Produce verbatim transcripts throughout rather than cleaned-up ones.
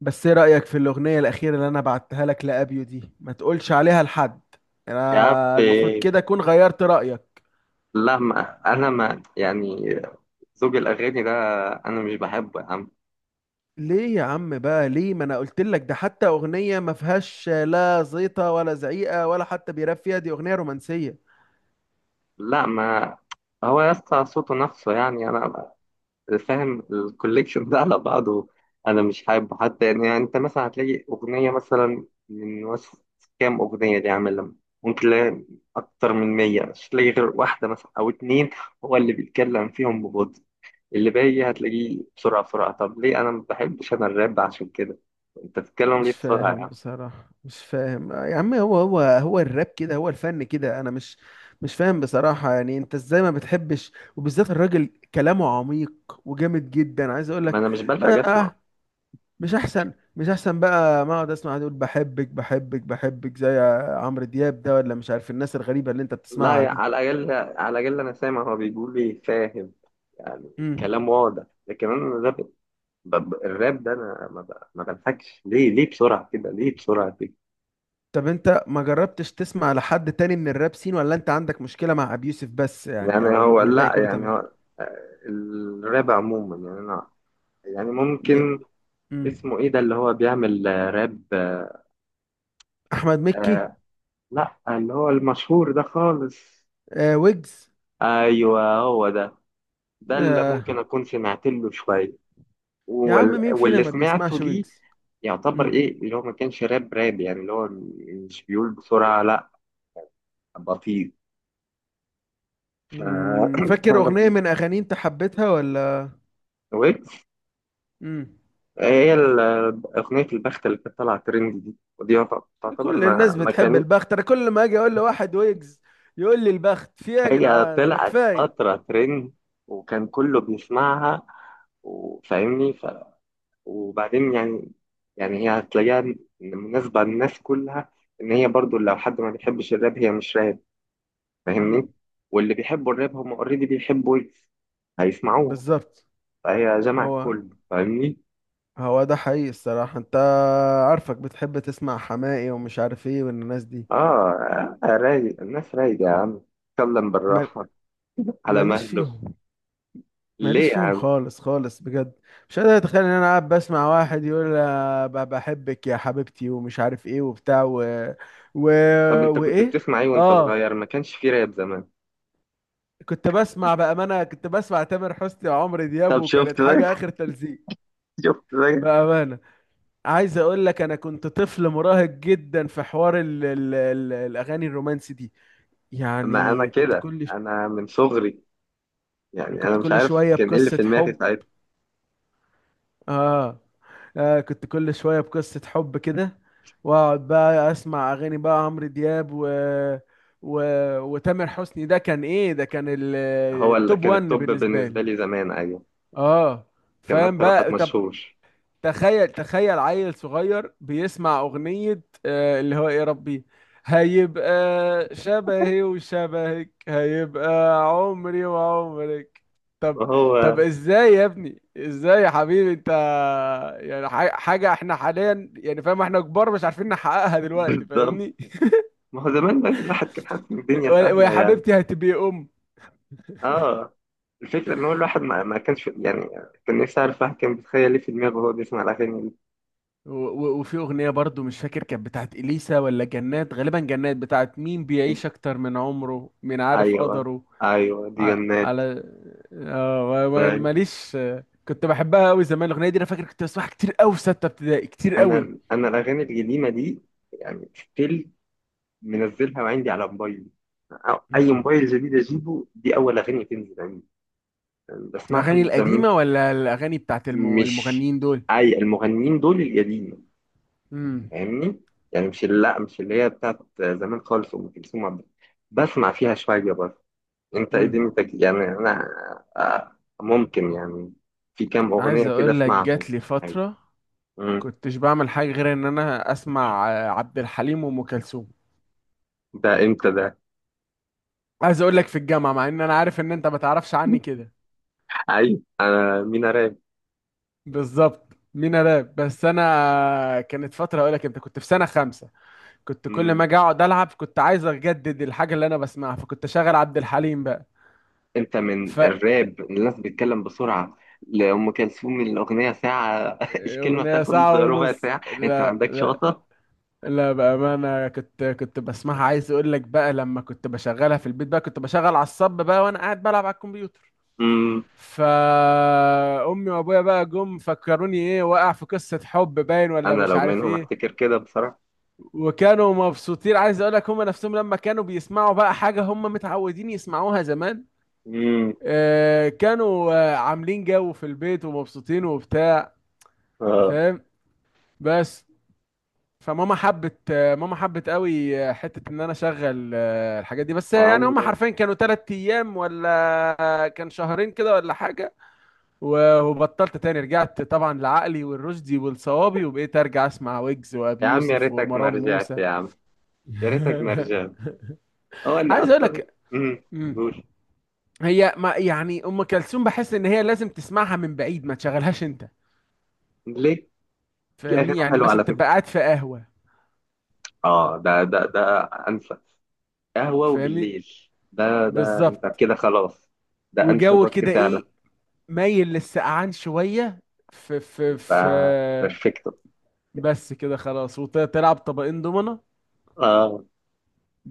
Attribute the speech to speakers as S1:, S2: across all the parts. S1: بس ايه رأيك في الأغنية الأخيرة اللي أنا بعتها لك لأبيو دي؟ ما تقولش عليها لحد.
S2: يا عم.
S1: أنا المفروض كده أكون غيرت رأيك.
S2: لا ما انا ما يعني زوج الاغاني ده انا مش بحبه يا عم.
S1: ليه يا عم بقى؟ ليه؟ ما أنا قلت لك ده حتى أغنية ما فيهاش لا زيطة ولا زعيقة ولا حتى بيراب فيها، دي أغنية رومانسية.
S2: لا ما، هو يا اسطى صوته نفسه، يعني انا فاهم الكوليكشن ده على بعضه. انا مش حابه حتى، يعني يعني انت مثلا هتلاقي اغنيه مثلا من وسط كام اغنيه دي، عامل لما ممكن تلاقي اكتر من مية مش تلاقي غير واحده مثلا او اتنين. هو اللي بيتكلم فيهم ببطء، اللي باقي هتلاقيه بسرعه بسرعه. طب ليه انا ما بحبش انا الراب؟ عشان كده انت بتتكلم ليه
S1: مش
S2: بسرعه يا
S1: فاهم
S2: عم؟
S1: بصراحة مش فاهم يا عم، هو هو هو الراب كده، هو الفن كده. أنا مش مش فاهم بصراحة. يعني أنت إزاي ما بتحبش؟ وبالذات الراجل كلامه عميق وجامد جدا، عايز أقول
S2: ما
S1: لك.
S2: انا مش بلحق
S1: بدل،
S2: اسمع.
S1: مش احسن مش احسن بقى ما اقعد اسمع دول بحبك بحبك بحبك زي عمرو دياب ده، ولا مش عارف الناس الغريبه اللي انت
S2: لا
S1: بتسمعها
S2: يا-
S1: دي؟
S2: على الاقل، على الاقل انا سامع هو بيقول لي، فاهم يعني
S1: امم
S2: الكلام واضح. لكن انا الراب، ب- ب- الراب ده انا ما ب- ما بلحقش. ليه ليه بسرعه كده؟ ليه بسرعه كده؟
S1: طب انت ما جربتش تسمع لحد تاني من الراب سين؟ ولا انت عندك مشكله مع ابي يوسف بس، يعني،
S2: يعني
S1: او
S2: هو
S1: والباقي
S2: لا
S1: كله
S2: يعني
S1: تمام؟
S2: هو آه، الراب عموما، يعني انا، يعني
S1: ي...
S2: ممكن.
S1: مم.
S2: اسمه ايه ده اللي هو بيعمل آه، راب، آه
S1: احمد مكي.
S2: آه، لا اللي هو المشهور ده خالص.
S1: آه، ويجز.
S2: ايوه هو ده. ده اللي ممكن
S1: آه،
S2: اكون سمعت له شويه.
S1: يا عم
S2: وال-
S1: مين فينا
S2: واللي
S1: ما
S2: سمعته
S1: بيسمعش
S2: ليه،
S1: ويجز؟
S2: يعتبر
S1: مم.
S2: ايه. اللي هو ما كانش راب راب يعني، اللي هو مش بيقول بسرعة، لا بطيء. ف-
S1: مم. فاكر اغنيه
S2: انا
S1: من اغاني انت حبيتها ولا؟
S2: ويجز،
S1: مم.
S2: هي ال- اغنية البخت اللي كانت طالعة ترند دي، ودي يعت- تعتبر،
S1: كل الناس
S2: ما ما
S1: بتحب
S2: كانت
S1: البخت. انا كل ما اجي اقول لواحد ويجز يقول لي البخت، في ايه يا
S2: هي
S1: جدعان؟ ما
S2: طلعت
S1: كفايه.
S2: فترة ترند، وكان كله بيسمعها وفاهمني. ف... وبعدين يعني، يعني هي هتلاقيها مناسبة للناس كلها، ان هي برضو لو حد ما بيحبش الراب، هي مش راب، فاهمني.
S1: امم
S2: واللي بيحبوا الراب هم اوريدي بيحبوا ويجز، هيسمعوها.
S1: بالظبط.
S2: فهي جمعت
S1: هو
S2: كله، فاهمني.
S1: هو ده حقيقي الصراحه. انت عارفك بتحب تسمع حماقي ومش عارف ايه والناس دي.
S2: اه. آه، رايق، الناس رايقة يا عم. اتكلم
S1: مال-
S2: بالراحة، على
S1: ماليش
S2: مهله.
S1: فيهم.
S2: ليه
S1: ماليش
S2: يا
S1: فيهم
S2: عم؟
S1: خالص خالص بجد. مش قادر اتخيل ان انا قاعد بسمع واحد يقول آه، ب- بحبك يا حبيبتي ومش عارف ايه وبتاع و... و...
S2: طب انت كنت
S1: وايه.
S2: بتسمع ايه وانت
S1: اه،
S2: صغير؟ ما كانش في راب زمان.
S1: كنت بسمع بأمانة، كنت بسمع تامر حسني وعمرو دياب،
S2: طب
S1: وكانت
S2: شفت بقى؟
S1: حاجة آخر تلزيق.
S2: شفت بقى؟
S1: بأمانة، عايز أقول لك أنا كنت طفل مراهق جدا في حوار ال ال ال الأغاني الرومانسي دي.
S2: ما انا
S1: يعني كنت
S2: كده،
S1: كل ش...
S2: انا من صغري. يعني
S1: كنت
S2: انا مش
S1: كل
S2: عارف
S1: شوية
S2: كان ايه اللي
S1: بقصة
S2: في دماغي
S1: حب.
S2: ساعتها.
S1: آه. آه، كنت كل شوية بقصة حب كده، وأقعد بقى أسمع أغاني بقى عمرو دياب و... و... وتامر حسني. ده كان إيه؟ ده كان ال-
S2: هو اللي
S1: التوب
S2: كان
S1: واحد
S2: التوب
S1: بالنسبة لي.
S2: بالنسبة لي زمان، ايوه،
S1: آه،
S2: كان
S1: فاهم
S2: اكتر واحد
S1: بقى؟ طب
S2: مشهور.
S1: تخيل، تخيل عيل صغير بيسمع أغنية آه، اللي هو إيه يا ربي هيبقى شبهي وشبهك، هيبقى عمري وعمرك. طب،
S2: وهو.
S1: طب ازاي يا ابني؟ ازاي يا حبيبي انت؟ يعني ح- حاجة احنا حاليا، يعني فاهم، احنا كبار مش عارفين نحققها دلوقتي،
S2: بالظبط.
S1: فاهمني؟
S2: ما هو زمان بقى الواحد كان حاسس ان الدنيا
S1: ويا ويا
S2: سهله يعني.
S1: حبيبتي هتبقي أم.
S2: اه، الفكره ان هو الواحد ما, ما كانش، يعني كان نفسي اعرف الواحد كان بيتخيل ايه في دماغه وهو بيسمع الاغاني دي.
S1: و- و- وفي أغنية برضو مش فاكر كانت بتاعت إليسا ولا جنات، غالبا جنات، بتاعت مين بيعيش أكتر من عمره، من عارف
S2: ايوه.
S1: قدره.
S2: ايوه دي
S1: على،
S2: جنات.
S1: على، آه، ما- ما-
S2: طيب.
S1: ماليش. آه، كنت بحبها قوي زمان الاغنيه دي. انا فاكر كنت بسمعها كتير قوي في سته ابتدائي، كتير قوي.
S2: انا انا الاغاني القديمه دي، يعني ستيل منزلها وعندي على موبايلي. أو- اي
S1: امم
S2: موبايل جديد اجيبه، دي اول اغاني تنزل عندي. يعني بسمعها
S1: الاغاني
S2: من زمان.
S1: القديمه ولا الاغاني بتاعت الم-
S2: مش،
S1: المغنيين دول؟
S2: اي المغنيين دول القديم،
S1: امم
S2: فاهمني. يعني مش لا مش اللي هي بتاعت زمان خالص، ام كلثوم، عبد الحليم. بسمع فيها شويه برضه. انت ايه
S1: امم
S2: دنيتك؟ يعني انا آه، ممكن، يعني في كام
S1: عايز
S2: اغنيه كده
S1: اقول لك
S2: اسمعهم.
S1: جات لي
S2: أيوة.
S1: فتره
S2: مم.
S1: كنتش بعمل حاجه غير ان انا اسمع آه، عبد الحليم وام كلثوم.
S2: ده امتى ده؟
S1: عايز اقول لك في الجامعه، مع ان انا عارف ان انت ما تعرفش عني كده.
S2: ايوه انا مينا راب.
S1: بالظبط، مين انا؟ بس انا آه، كانت فتره اقول لك، انت كنت في سنه خمسه. كنت كل ما
S2: مم.
S1: اجي اقعد العب كنت عايز اجدد الحاجه اللي انا بسمعها، فكنت شغال عبد الحليم بقى.
S2: انت
S1: ف
S2: من الراب الناس بتتكلم بسرعه، لأم كلثوم الأغنية ساعة الكلمة
S1: اغنيه
S2: بتاخد
S1: ساعه
S2: ربع
S1: ونص؟
S2: ساعة، أنت ما
S1: لا
S2: عندكش
S1: لا،
S2: وسط؟
S1: لا بامانه، كنت كنت بسمعها. عايز اقول لك بقى، لما كنت بشغلها في البيت بقى كنت بشغل على الصب بقى وانا قاعد بلعب على الكمبيوتر.
S2: مم.
S1: فامي وابويا بقى جم فكروني ايه، واقع في قصه حب باين ولا
S2: أنا
S1: مش
S2: لو
S1: عارف
S2: منهم
S1: ايه.
S2: أفتكر كده بصراحة.
S1: وكانوا مبسوطين، عايز اقول لك، هم نفسهم لما كانوا بيسمعوا بقى حاجه هم متعودين يسمعوها زمان،
S2: مم.
S1: آه، كانوا آه، عاملين جو في البيت ومبسوطين وبتاع، فاهم؟ بس فماما حبت، آه، ماما حبت قوي آه، حتة ان انا اشغل آه، الحاجات دي، بس آه، يعني هم
S2: آه.
S1: حرفيا كانوا تلات ايام ولا آه، كان شهرين كده ولا حاجة. و- وبطلت تاني، رجعت طبعا لعقلي والرشدي والصوابي، وبقيت ارجع اسمع ويجز وابي
S2: يا عم يا
S1: يوسف
S2: ريتك ما
S1: ومروان
S2: رجعت
S1: موسى.
S2: يا عم، يا ريتك ما رجعت. هو انا
S1: عايز اقول
S2: اصلا.
S1: لك،
S2: امم.
S1: مم،
S2: قول.
S1: هي ما يعني ام كلثوم بحس ان هي لازم تسمعها من بعيد، ما تشغلهاش انت.
S2: ليك في اغاني
S1: فاهمني؟ يعني
S2: حلوه
S1: مثلا
S2: على
S1: تبقى
S2: فكره.
S1: قاعد في قهوة،
S2: اه ده ده ده، انسى، قهوه
S1: فاهمني؟
S2: وبالليل. ده ده انت
S1: بالظبط.
S2: كده خلاص. ده انسب
S1: وجو
S2: وقت
S1: كده
S2: فعلا.
S1: ايه، مايل للسقعان شوية، في في في
S2: ده بيرفكتو.
S1: بس كده خلاص، وتلعب طبقين دومنة.
S2: اه.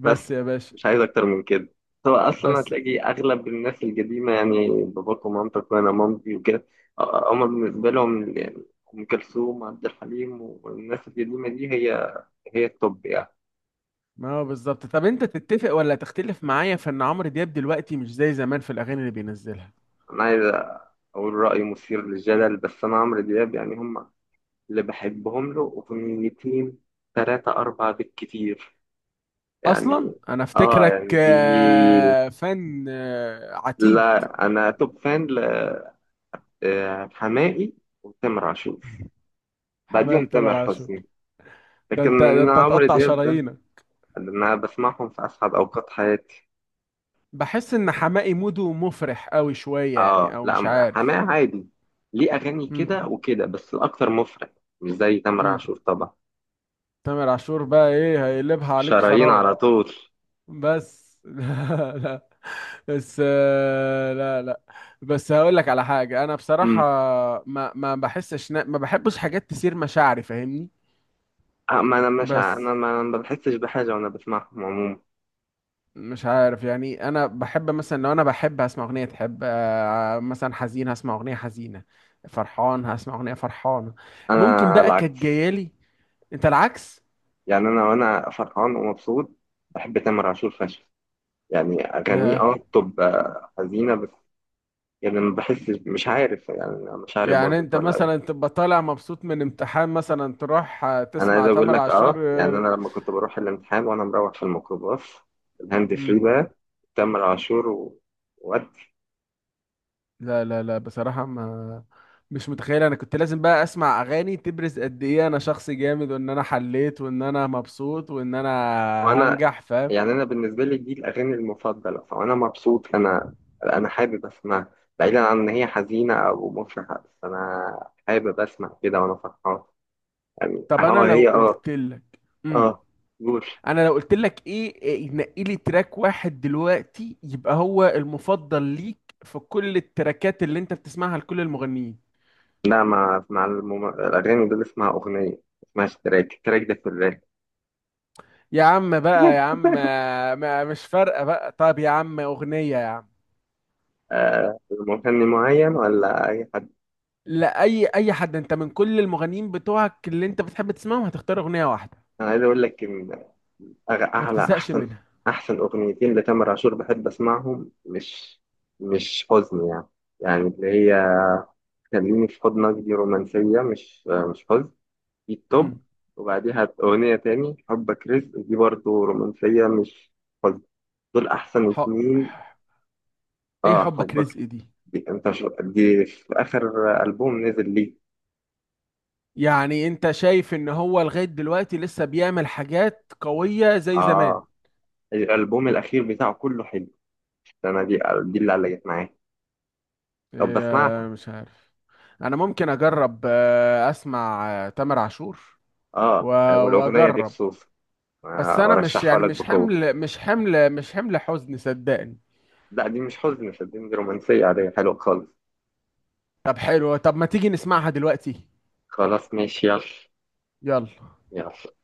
S2: بس
S1: يا باشا.
S2: مش عايز اكتر من كده. هو اصلا
S1: بس
S2: هتلاقي اغلب الناس القديمه، يعني باباك ومامتك وانا مامتي وكده، آه، هما بالنسبه لهم يعني ام كلثوم، عبد الحليم والناس القديمه دي، هي هي التوب يعني.
S1: ما هو بالظبط. طب انت تتفق ولا تختلف معايا في ان عمرو دياب دلوقتي مش زي زمان في الاغاني اللي بينزلها؟
S2: انا عايز اقول راي مثير للجدل، بس انا عمرو دياب يعني، هم اللي بحبهم له اغنيتين، ثلاثة أربعة بالكتير
S1: اصلا
S2: يعني.
S1: انا
S2: اه
S1: افتكرك
S2: يعني دي،
S1: آه، فان آه، عتيد.
S2: لا انا توب فان ل- آه، حماقي وتامر عاشور،
S1: حمام
S2: بعديهم
S1: تامر
S2: تامر
S1: عاشور؟
S2: حسني.
S1: ده
S2: لكن
S1: انت، ده
S2: انا
S1: انت
S2: عمرو
S1: هتقطع
S2: دياب ده
S1: شرايينك.
S2: اللي انا بسمعهم في اسعد اوقات حياتي.
S1: بحس ان حماقي موده مفرح قوي شويه، يعني،
S2: اه،
S1: او مش
S2: لا
S1: عارف.
S2: حماقي عادي، ليه اغاني
S1: امم
S2: كده وكده، بس الاكتر مفرق. مش زي تامر
S1: امم
S2: عاشور طبعا،
S1: تامر عاشور بقى ايه، هيقلبها عليك
S2: شرايين
S1: خراب.
S2: على طول.
S1: بس لا لا، بس آه، لا لا، بس هقول لك على حاجه. انا بصراحه ما ما بحسش نا- ما بحبش حاجات تثير مشاعري، فاهمني؟
S2: آه، ما انا مش ع-
S1: بس
S2: انا ما أنا ما بحسش بحاجه وانا بسمعهم عموما.
S1: مش عارف يعني، انا بحب مثلا لو انا بحب هسمع اغنيه تحب، آه، مثلا حزين هسمع اغنيه حزينه، فرحان هسمع اغنيه فرحانه. ممكن
S2: انا
S1: بقى كانت
S2: العكس،
S1: جايه لي. انت العكس؟
S2: يعني انا وانا فرحان ومبسوط بحب تامر عاشور فشخ. يعني اغانيه
S1: ياه.
S2: اه بتبقى حزينه بس، يعني ما بحسش، مش عارف، يعني مشاعري
S1: يعني
S2: باظت
S1: انت
S2: ولا ايه.
S1: مثلا تبقى طالع مبسوط من امتحان مثلا تروح آه،
S2: انا عايز
S1: تسمع
S2: اقول
S1: تامر
S2: لك
S1: عاشور
S2: اه، يعني
S1: آه،
S2: انا لما كنت بروح الامتحان وانا مروح في الميكروباص، الهاند
S1: مم.
S2: فري بقى تامر عاشور. و...
S1: لا لا لا بصراحة، ما، مش متخيل انا كنت لازم بقى اسمع اغاني تبرز قد ايه انا شخص جامد وان انا حليت وان انا مبسوط وان انا
S2: وانا
S1: هنجح، فاهم؟
S2: يعني انا بالنسبه لي دي الاغاني المفضله، فانا مبسوط. انا انا حابب اسمعها، بعيدا عن ان هي حزينه او مفرحه، بس انا حابب اسمع كده وانا فرحان. يعني
S1: طب انا
S2: اه
S1: لو
S2: هي اه.
S1: قلت لك، امم
S2: اه جوش.
S1: انا لو قلت لك ايه، إيه، نقي لي تراك واحد دلوقتي يبقى هو المفضل ليك في كل التراكات اللي انت بتسمعها لكل المغنيين؟
S2: لا ما اسمع المم... الاغاني، دول اسمها اغنيه، ما اسمهاش تراك، التراك ده في الراب.
S1: يا عم بقى يا عم، ما- مش فارقة بقى، طب يا عم أغنية يا عم.
S2: آه مغني معين ولا اي حد؟
S1: لا، أي أي حد، أنت من كل المغنيين بتوعك اللي أنت بتحب تسمعهم هتختار أغنية واحدة
S2: انا عايز اقول لك ان أغ-
S1: ما
S2: أعلى
S1: بتزهقش
S2: أحسن،
S1: منها؟
S2: أحسن أغنيتين لتامر عاشور بحب أسمعهم، مش مش حزن يعني، يعني اللي هي خليني في حضنك، دي رومانسية مش مش حزن، دي التوب.
S1: امم
S2: وبعديها أغنية تاني حبك رزق، دي برضو رومانسية مش حزن. دول أحسن
S1: حب،
S2: اتنين.
S1: إيه
S2: آه
S1: حبك
S2: حبك،
S1: رزق دي؟
S2: دي أنت شو، دي في آخر ألبوم نزل ليه.
S1: يعني أنت شايف إن هو لغاية دلوقتي لسه بيعمل حاجات قوية زي زمان؟
S2: آه الألبوم الأخير بتاعه كله حلو. أنا دي دي اللي علقت معايا. طب بسمعها.
S1: إيه، مش عارف. أنا ممكن أجرب آه، أسمع آه، تامر عاشور
S2: آه
S1: و-
S2: والأغنية دي
S1: وأجرب.
S2: خصوصا،
S1: بس أنا مش
S2: وارشحها
S1: يعني،
S2: لك
S1: مش
S2: بقوة.
S1: حمل مش حمل مش حمل حزن، صدقني.
S2: لا دي مش حزن صدقني، دي رومانسية عادية حلوة خالص.
S1: طب حلو، طب ما تيجي نسمعها دلوقتي.
S2: خلاص ماشي يلا.
S1: يلا.
S2: يلا.